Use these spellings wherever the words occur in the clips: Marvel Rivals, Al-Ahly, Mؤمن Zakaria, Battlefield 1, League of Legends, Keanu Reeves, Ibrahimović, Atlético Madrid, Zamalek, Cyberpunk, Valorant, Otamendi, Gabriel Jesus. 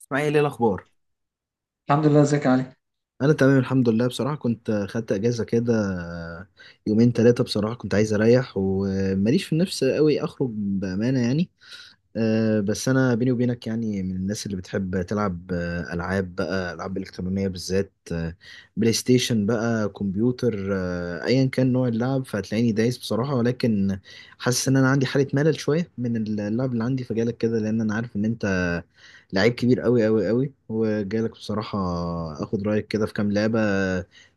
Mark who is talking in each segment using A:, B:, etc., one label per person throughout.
A: اسماعيل، ايه الاخبار؟
B: الحمد لله. ازيك يا علي؟
A: انا تمام الحمد لله. بصراحه كنت خدت اجازه كده يومين ثلاثه. بصراحه كنت عايز اريح وماليش في النفس قوي اخرج بامانه يعني. بس انا بيني وبينك يعني من الناس اللي بتحب تلعب، العاب بقى، العاب الكترونيه بالذات، بلاي ستيشن بقى، كمبيوتر، ايا كان نوع اللعب فهتلاقيني دايس بصراحه. ولكن حاسس ان انا عندي حاله ملل شويه من اللعب اللي عندي، فجالك كده لان انا عارف ان انت لعيب كبير قوي قوي قوي، وجالك بصراحه اخد رايك كده في كام لعبه.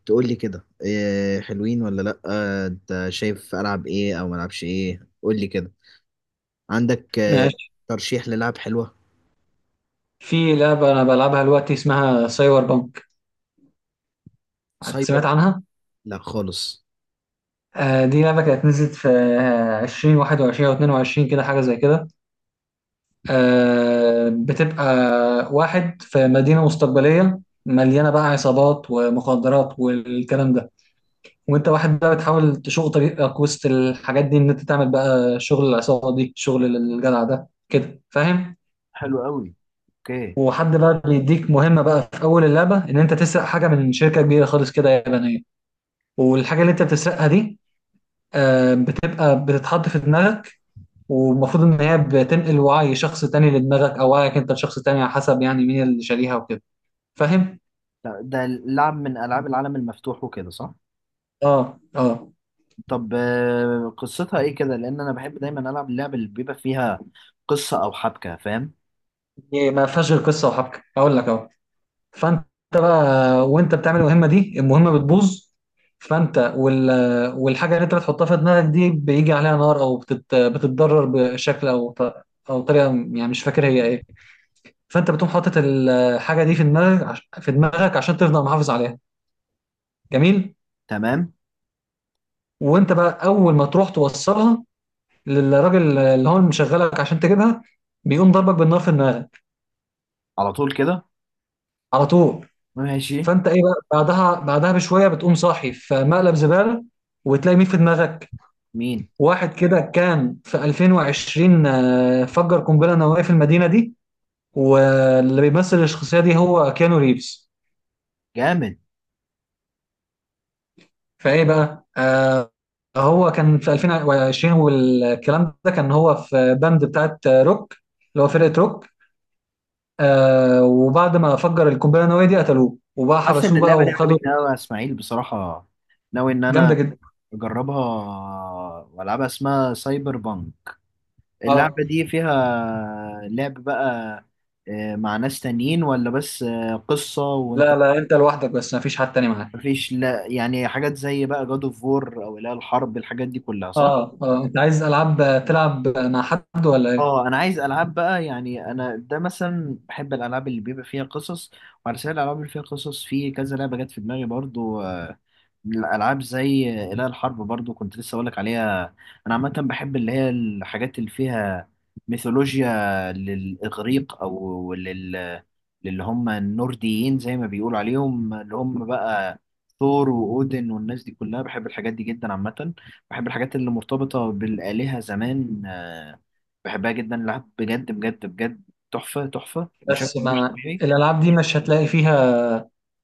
A: تقول لي كده إيه حلوين ولا لا، انت شايف العب ايه او ما العبش ايه؟ قول لي كده عندك
B: ماشي.
A: ترشيح للعب حلوة.
B: في لعبة أنا بلعبها دلوقتي اسمها سايبر بانك.
A: سايبر.
B: سمعت عنها؟
A: لا خالص.
B: دي لعبة كانت نزلت في عشرين واحد وعشرين أو اتنين وعشرين، كده حاجة زي كده. بتبقى واحد في مدينة مستقبلية مليانة بقى عصابات ومخدرات والكلام ده. وانت واحد بقى بتحاول تشق طريقك وسط الحاجات دي، ان انت تعمل بقى شغل العصابة دي، شغل الجدع ده كده، فاهم؟
A: حلو قوي. اوكي.
B: وحد بقى بيديك مهمة بقى في أول اللعبة إن أنت تسرق حاجة من شركة كبيرة خالص كده يابانية. والحاجة اللي أنت بتسرقها دي بتبقى بتتحط في دماغك. والمفروض إن هي بتنقل وعي شخص تاني لدماغك أو وعيك أنت لشخص تاني، على حسب يعني مين اللي شاريها وكده، فاهم؟
A: لا، ده لعب من العاب العالم المفتوح وكده صح؟
B: آه، آه.
A: طب، قصتها ايه كده؟ لان انا بحب دايما العب اللعب اللي بيبقى فيها قصة او حبكة، فاهم؟
B: هي ما فيهاش غير قصة وحبكة، أقول لك أهو. فانت بقى، وانت بتعمل المهمه دي، المهمه بتبوظ. فانت وال والحاجه اللي انت بتحطها في دماغك دي بيجي عليها نار، او بتتضرر بشكل او او طريقه، يعني مش فاكر هي ايه. فانت بتقوم حاطط الحاجه دي في دماغك عشان تفضل محافظ عليها. جميل.
A: تمام.
B: وانت بقى اول ما تروح توصلها للراجل اللي هو مشغلك عشان تجيبها، بيقوم ضربك بالنار في دماغك.
A: على طول كده.
B: على طول.
A: ماشي.
B: فانت ايه بقى بعدها بشويه بتقوم صاحي في مقلب زباله، وتلاقي مين في دماغك؟
A: مين.
B: واحد كده كان في 2020، فجر قنبلة نووية في المدينة دي، واللي بيمثل الشخصية دي هو كيانو ريفز.
A: جامد.
B: فايه بقى، هو كان في 2020 والكلام ده، كان هو في باند بتاعت روك، اللي هو فرقة روك. وبعد ما فجر القنبلة النووية دي قتلوه وبقى
A: حاسس ان
B: حبسوه بقى
A: اللعبة دي
B: وخدوا.
A: عجبتني قوي يا اسماعيل بصراحة. ناوي ان
B: جامدة
A: انا
B: جدا.
A: اجربها والعبها. اسمها سايبر بانك.
B: اه.
A: اللعبة دي فيها لعب بقى مع ناس تانيين ولا بس قصة وانت؟
B: لا لا، انت لوحدك بس، مفيش حد تاني معاك.
A: مفيش؟ لا يعني حاجات زي بقى جاد اوف وور، او لا الحرب، الحاجات دي كلها صح؟
B: اه، اه، انت عايز العاب تلعب مع حد ولا ايه؟
A: اه، انا عايز العاب بقى، يعني انا ده مثلا بحب الالعاب اللي بيبقى فيها قصص. وعلى سبيل الالعاب اللي فيها قصص، في كذا لعبة جت في دماغي برضو. الألعاب زي إله الحرب برضو كنت لسه أقولك عليها. أنا عامة بحب اللي هي الحاجات اللي فيها ميثولوجيا للإغريق أو للي هم النورديين زي ما بيقولوا عليهم، اللي هم بقى ثور وأودن والناس دي كلها. بحب الحاجات دي جدا عامة. بحب الحاجات اللي مرتبطة بالآلهة زمان، بحبها جدا. لعب بجد بجد بجد، تحفة تحفة بشكل
B: بس
A: مش
B: ما
A: طبيعي.
B: الالعاب دي مش هتلاقي فيها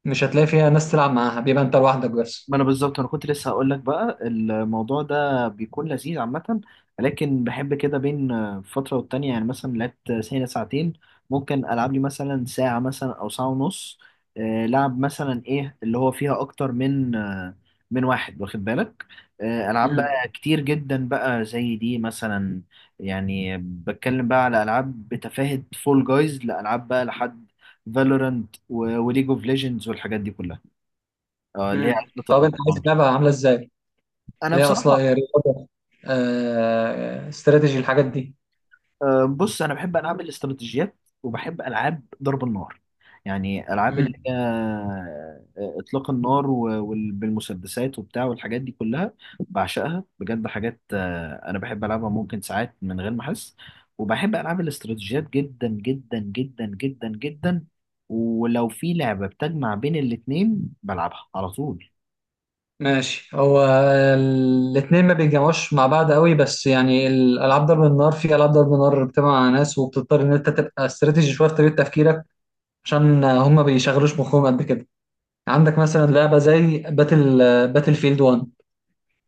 B: مش هتلاقي فيها ناس تلعب معاها، بيبقى انت لوحدك بس.
A: ما انا بالظبط انا كنت لسه هقول لك بقى الموضوع ده بيكون لذيذ عامه. لكن بحب كده بين فتره والتانيه، يعني مثلا لعبت سنه ساعتين، ممكن العب لي مثلا ساعه، مثلا او ساعه ونص، لعب مثلا ايه اللي هو فيها اكتر من من واحد، واخد بالك؟ العاب
B: امم
A: بقى كتير جدا بقى زي دي مثلا، يعني بتكلم بقى على العاب بتفاهة فول جايز لالعاب بقى لحد فالورانت وليج اوف ليجندز والحاجات دي كلها، اللي هي عزبة
B: طب انت عايز
A: الأطفال.
B: لعبه عامله ازاي؟
A: انا
B: اللي هي اصلا
A: بصراحه،
B: رياضه، استراتيجي، الحاجات دي.
A: بص، انا بحب العاب الاستراتيجيات وبحب العاب ضرب النار. يعني العاب اللي
B: امم
A: هي، اطلاق النار بالمسدسات وبتاع والحاجات دي كلها، بعشقها بجد. حاجات انا بحب العبها ممكن ساعات من غير ما احس. وبحب العاب الاستراتيجيات جدا جدا جدا جدا جدا. ولو في لعبه بتجمع بين الاتنين بلعبها على طول.
B: ماشي. هو الاثنين ما بيتجمعوش مع بعض قوي، بس يعني الالعاب ضرب النار، في العاب ضرب النار بتجمع مع ناس وبتضطر ان انت تبقى استراتيجي شويه في طريقه تفكيرك، عشان هم بيشغلوش مخهم قد كده. عندك مثلا لعبه زي باتل فيلد 1،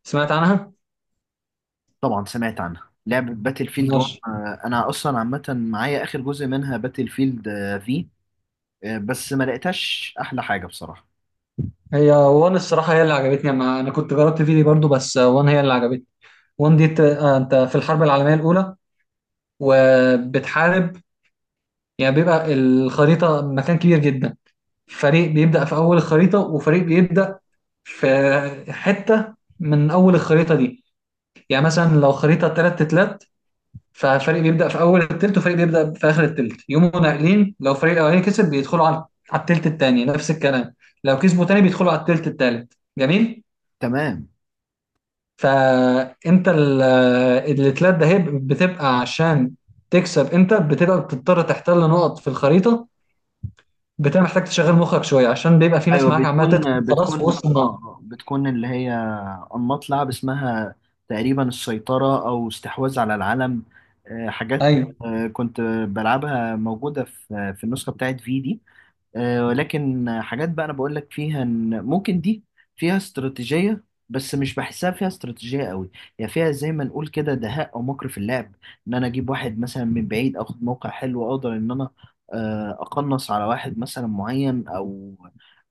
B: سمعت عنها؟
A: طبعا سمعت عنها لعبة باتل فيلد 1.
B: ماشي.
A: انا اصلا عامة معايا اخر جزء منها باتل فيلد، في بس ما لقيتهاش احلى حاجة بصراحة.
B: هي وان الصراحة هي اللي عجبتني، أنا كنت جربت فيدي برضو بس وان هي اللي عجبتني. أنت في الحرب العالمية الأولى وبتحارب، يعني بيبقى الخريطة مكان كبير جدا. فريق بيبدأ في أول الخريطة وفريق بيبدأ في حتة من أول الخريطة دي. يعني مثلا لو خريطة تلات تلات ففريق بيبدأ في أول التلت وفريق بيبدأ في آخر التلت، يقوموا ناقلين. لو فريق الأولاني كسب بيدخلوا على التلت التاني، نفس الكلام. لو كسبوا تاني بيدخلوا على التلت التالت. جميل.
A: تمام.
B: فانت الاتلات ده هي بتبقى عشان تكسب، انت بتبقى بتضطر تحتل نقط في الخريطه. بتبقى محتاج تشغل مخك شويه عشان بيبقى في ناس
A: ايوه،
B: معاك عماله تدخل
A: بتكون
B: خلاص في
A: بتكون
B: وسط
A: اه
B: النار.
A: آه، بتكون اللي هي انماط لعب اسمها تقريبا السيطرة او استحواذ على العالم، حاجات
B: ايوه.
A: كنت بلعبها موجودة في النسخة بتاعت في دي، ولكن حاجات بقى انا بقول لك فيها ان ممكن دي فيها استراتيجية، بس مش بحسها فيها استراتيجية قوي. هي فيها زي ما نقول كده دهاء او مكر في اللعب، ان انا اجيب واحد مثلا من بعيد اخد موقع حلو اقدر ان انا اقنص على واحد مثلا معين، او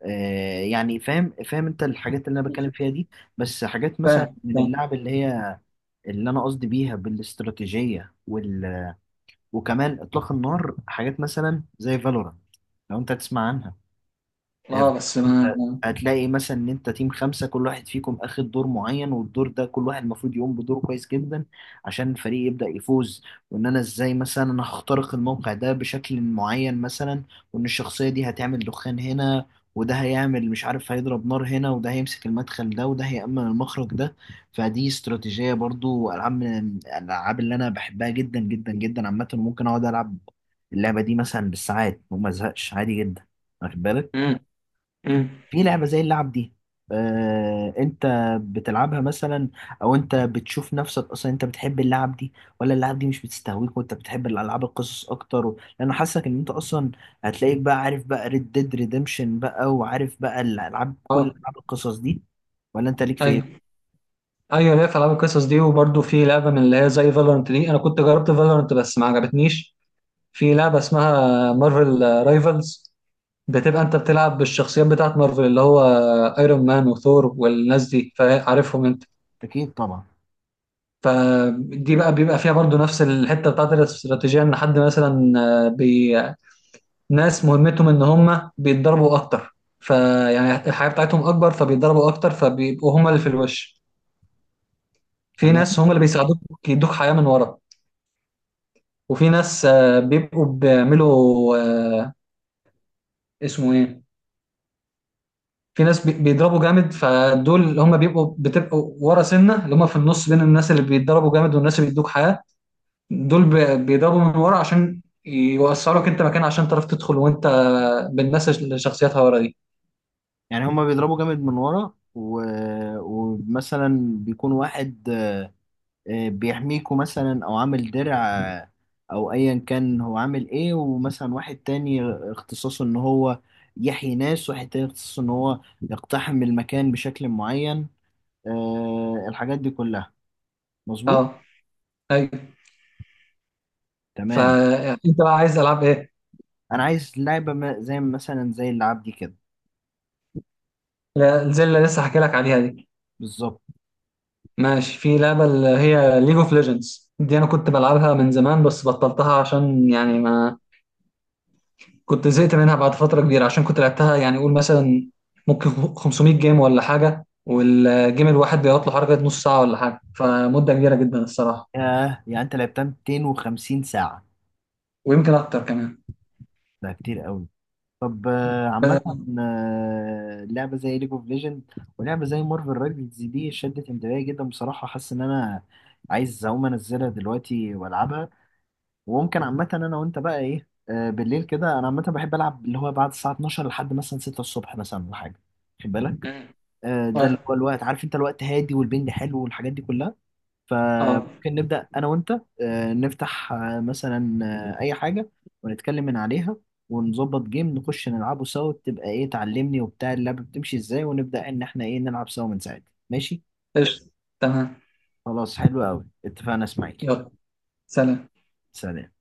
A: يعني فاهم فاهم انت الحاجات اللي انا بتكلم فيها دي. بس حاجات مثلا
B: فاهم،
A: من
B: فاهم.
A: اللعب اللي هي، اللي انا قصدي بيها بالاستراتيجية وكمان اطلاق النار، حاجات مثلا زي فالورانت، لو انت تسمع عنها،
B: اه، بس
A: هتلاقي مثلا ان انت تيم خمسة، كل واحد فيكم اخد دور معين، والدور ده كل واحد المفروض يقوم بدور كويس جدا عشان الفريق يبدأ يفوز. وان انا ازاي مثلا انا هخترق الموقع ده بشكل معين مثلا، وان الشخصية دي هتعمل دخان هنا، وده هيعمل مش عارف هيضرب نار هنا، وده هيمسك المدخل ده، وده هيأمن المخرج ده. فدي استراتيجية. برضو ألعاب من الألعاب اللي أنا بحبها جدا جدا جدا عامة، وممكن أقعد ألعب اللعبة دي مثلا بالساعات وما أزهقش عادي جدا، واخد بالك؟
B: امم امم
A: في لعبة زي اللعب دي، انت بتلعبها مثلا، او انت بتشوف نفسك اصلا انت بتحب اللعب دي ولا اللعب دي مش بتستهويك وانت بتحب الالعاب القصص اكتر لان حاسك ان انت اصلا هتلاقيك بقى عارف بقى ريد ديد ريديمشن بقى وعارف بقى الالعاب، كل
B: اه،
A: العاب القصص دي، ولا انت ليك في
B: ايوه،
A: ايه؟
B: ايوه، ليا في العاب القصص دي. وبرده في لعبه من اللي هي زي فالورنت دي، انا كنت جربت فالورنت بس ما عجبتنيش. في لعبه اسمها مارفل رايفلز، بتبقى انت بتلعب بالشخصيات بتاعت مارفل، اللي هو ايرون مان وثور والناس دي، فعارفهم انت.
A: اكيد طبعا.
B: فدي بقى بيبقى فيها برضو نفس الحته بتاعت الاستراتيجيه، ان حد مثلا آه، بي... ناس مهمتهم ان هم بيتضربوا اكتر، فيعني الحياه بتاعتهم اكبر فبيتضربوا اكتر فبيبقوا هم اللي في الوش. في
A: تمام.
B: ناس هم اللي بيساعدوك، يدوك حياه من ورا. وفي ناس بيبقوا بيعملوا، اسمه ايه، في ناس بيضربوا جامد، فدول اللي هم بيبقوا بتبقوا ورا سنه اللي هم في النص بين الناس اللي بيتضربوا جامد والناس اللي بيدوك حياه. دول بيضربوا من ورا عشان يوسعوا لك انت مكان عشان تعرف تدخل وانت بالناس اللي شخصياتها ورا دي.
A: يعني هما بيضربوا جامد من ورا ومثلا بيكون واحد بيحميكوا مثلا او عامل درع، او ايا كان هو عامل ايه. ومثلا واحد تاني اختصاصه ان هو يحيي ناس، واحد تاني اختصاصه ان هو يقتحم المكان بشكل معين، الحاجات دي كلها. مظبوط.
B: اه، ايوه.
A: تمام.
B: فانت بقى عايز العاب ايه؟
A: انا عايز لعبة زي مثلا زي اللعب دي كده.
B: لا، زي اللي لسه حكي لك عليها دي.
A: بالظبط.
B: ماشي. في لعبه اللي هي ليج اوف ليجندز دي، انا كنت بلعبها من زمان بس بطلتها، عشان يعني ما كنت زهقت منها بعد فترة كبيرة عشان كنت لعبتها يعني قول مثلا ممكن 500 جيم ولا حاجة، والجيم الواحد بيقعد له حركة نص ساعة ولا حاجة، فمدة كبيرة جدا الصراحة.
A: آه يعني انت لعبتها 250 ساعة؟
B: ويمكن أكتر كمان.
A: ده كتير قوي. طب، عامة
B: ب-
A: لعبة زي ليج اوف ليجند ولعبة زي مارفل رايفلز دي شدت انتباهي جدا بصراحة. حاسس ان انا عايز اقوم انزلها دلوقتي والعبها. وممكن عامة انا وانت بقى ايه، بالليل كده انا عامة بحب العب اللي هو بعد الساعة 12 لحد مثلا 6 الصبح مثلا ولا حاجة، خد بالك؟
B: مم.
A: ده اللي
B: اه.
A: هو الوقت، عارف انت الوقت هادي والبنج حلو والحاجات دي كلها.
B: آه.
A: فممكن نبدأ أنا وأنت، نفتح مثلا أي حاجة، ونتكلم من عليها ونظبط جيم نخش نلعبه سوا، تبقى إيه تعلمني وبتاع اللعبة بتمشي إزاي، ونبدأ إن إحنا إيه نلعب سوا من ساعتها، ماشي؟
B: قشطة. تمام.
A: خلاص حلو أوي، اتفقنا إسماعيل.
B: يلا. سلام.
A: سلام.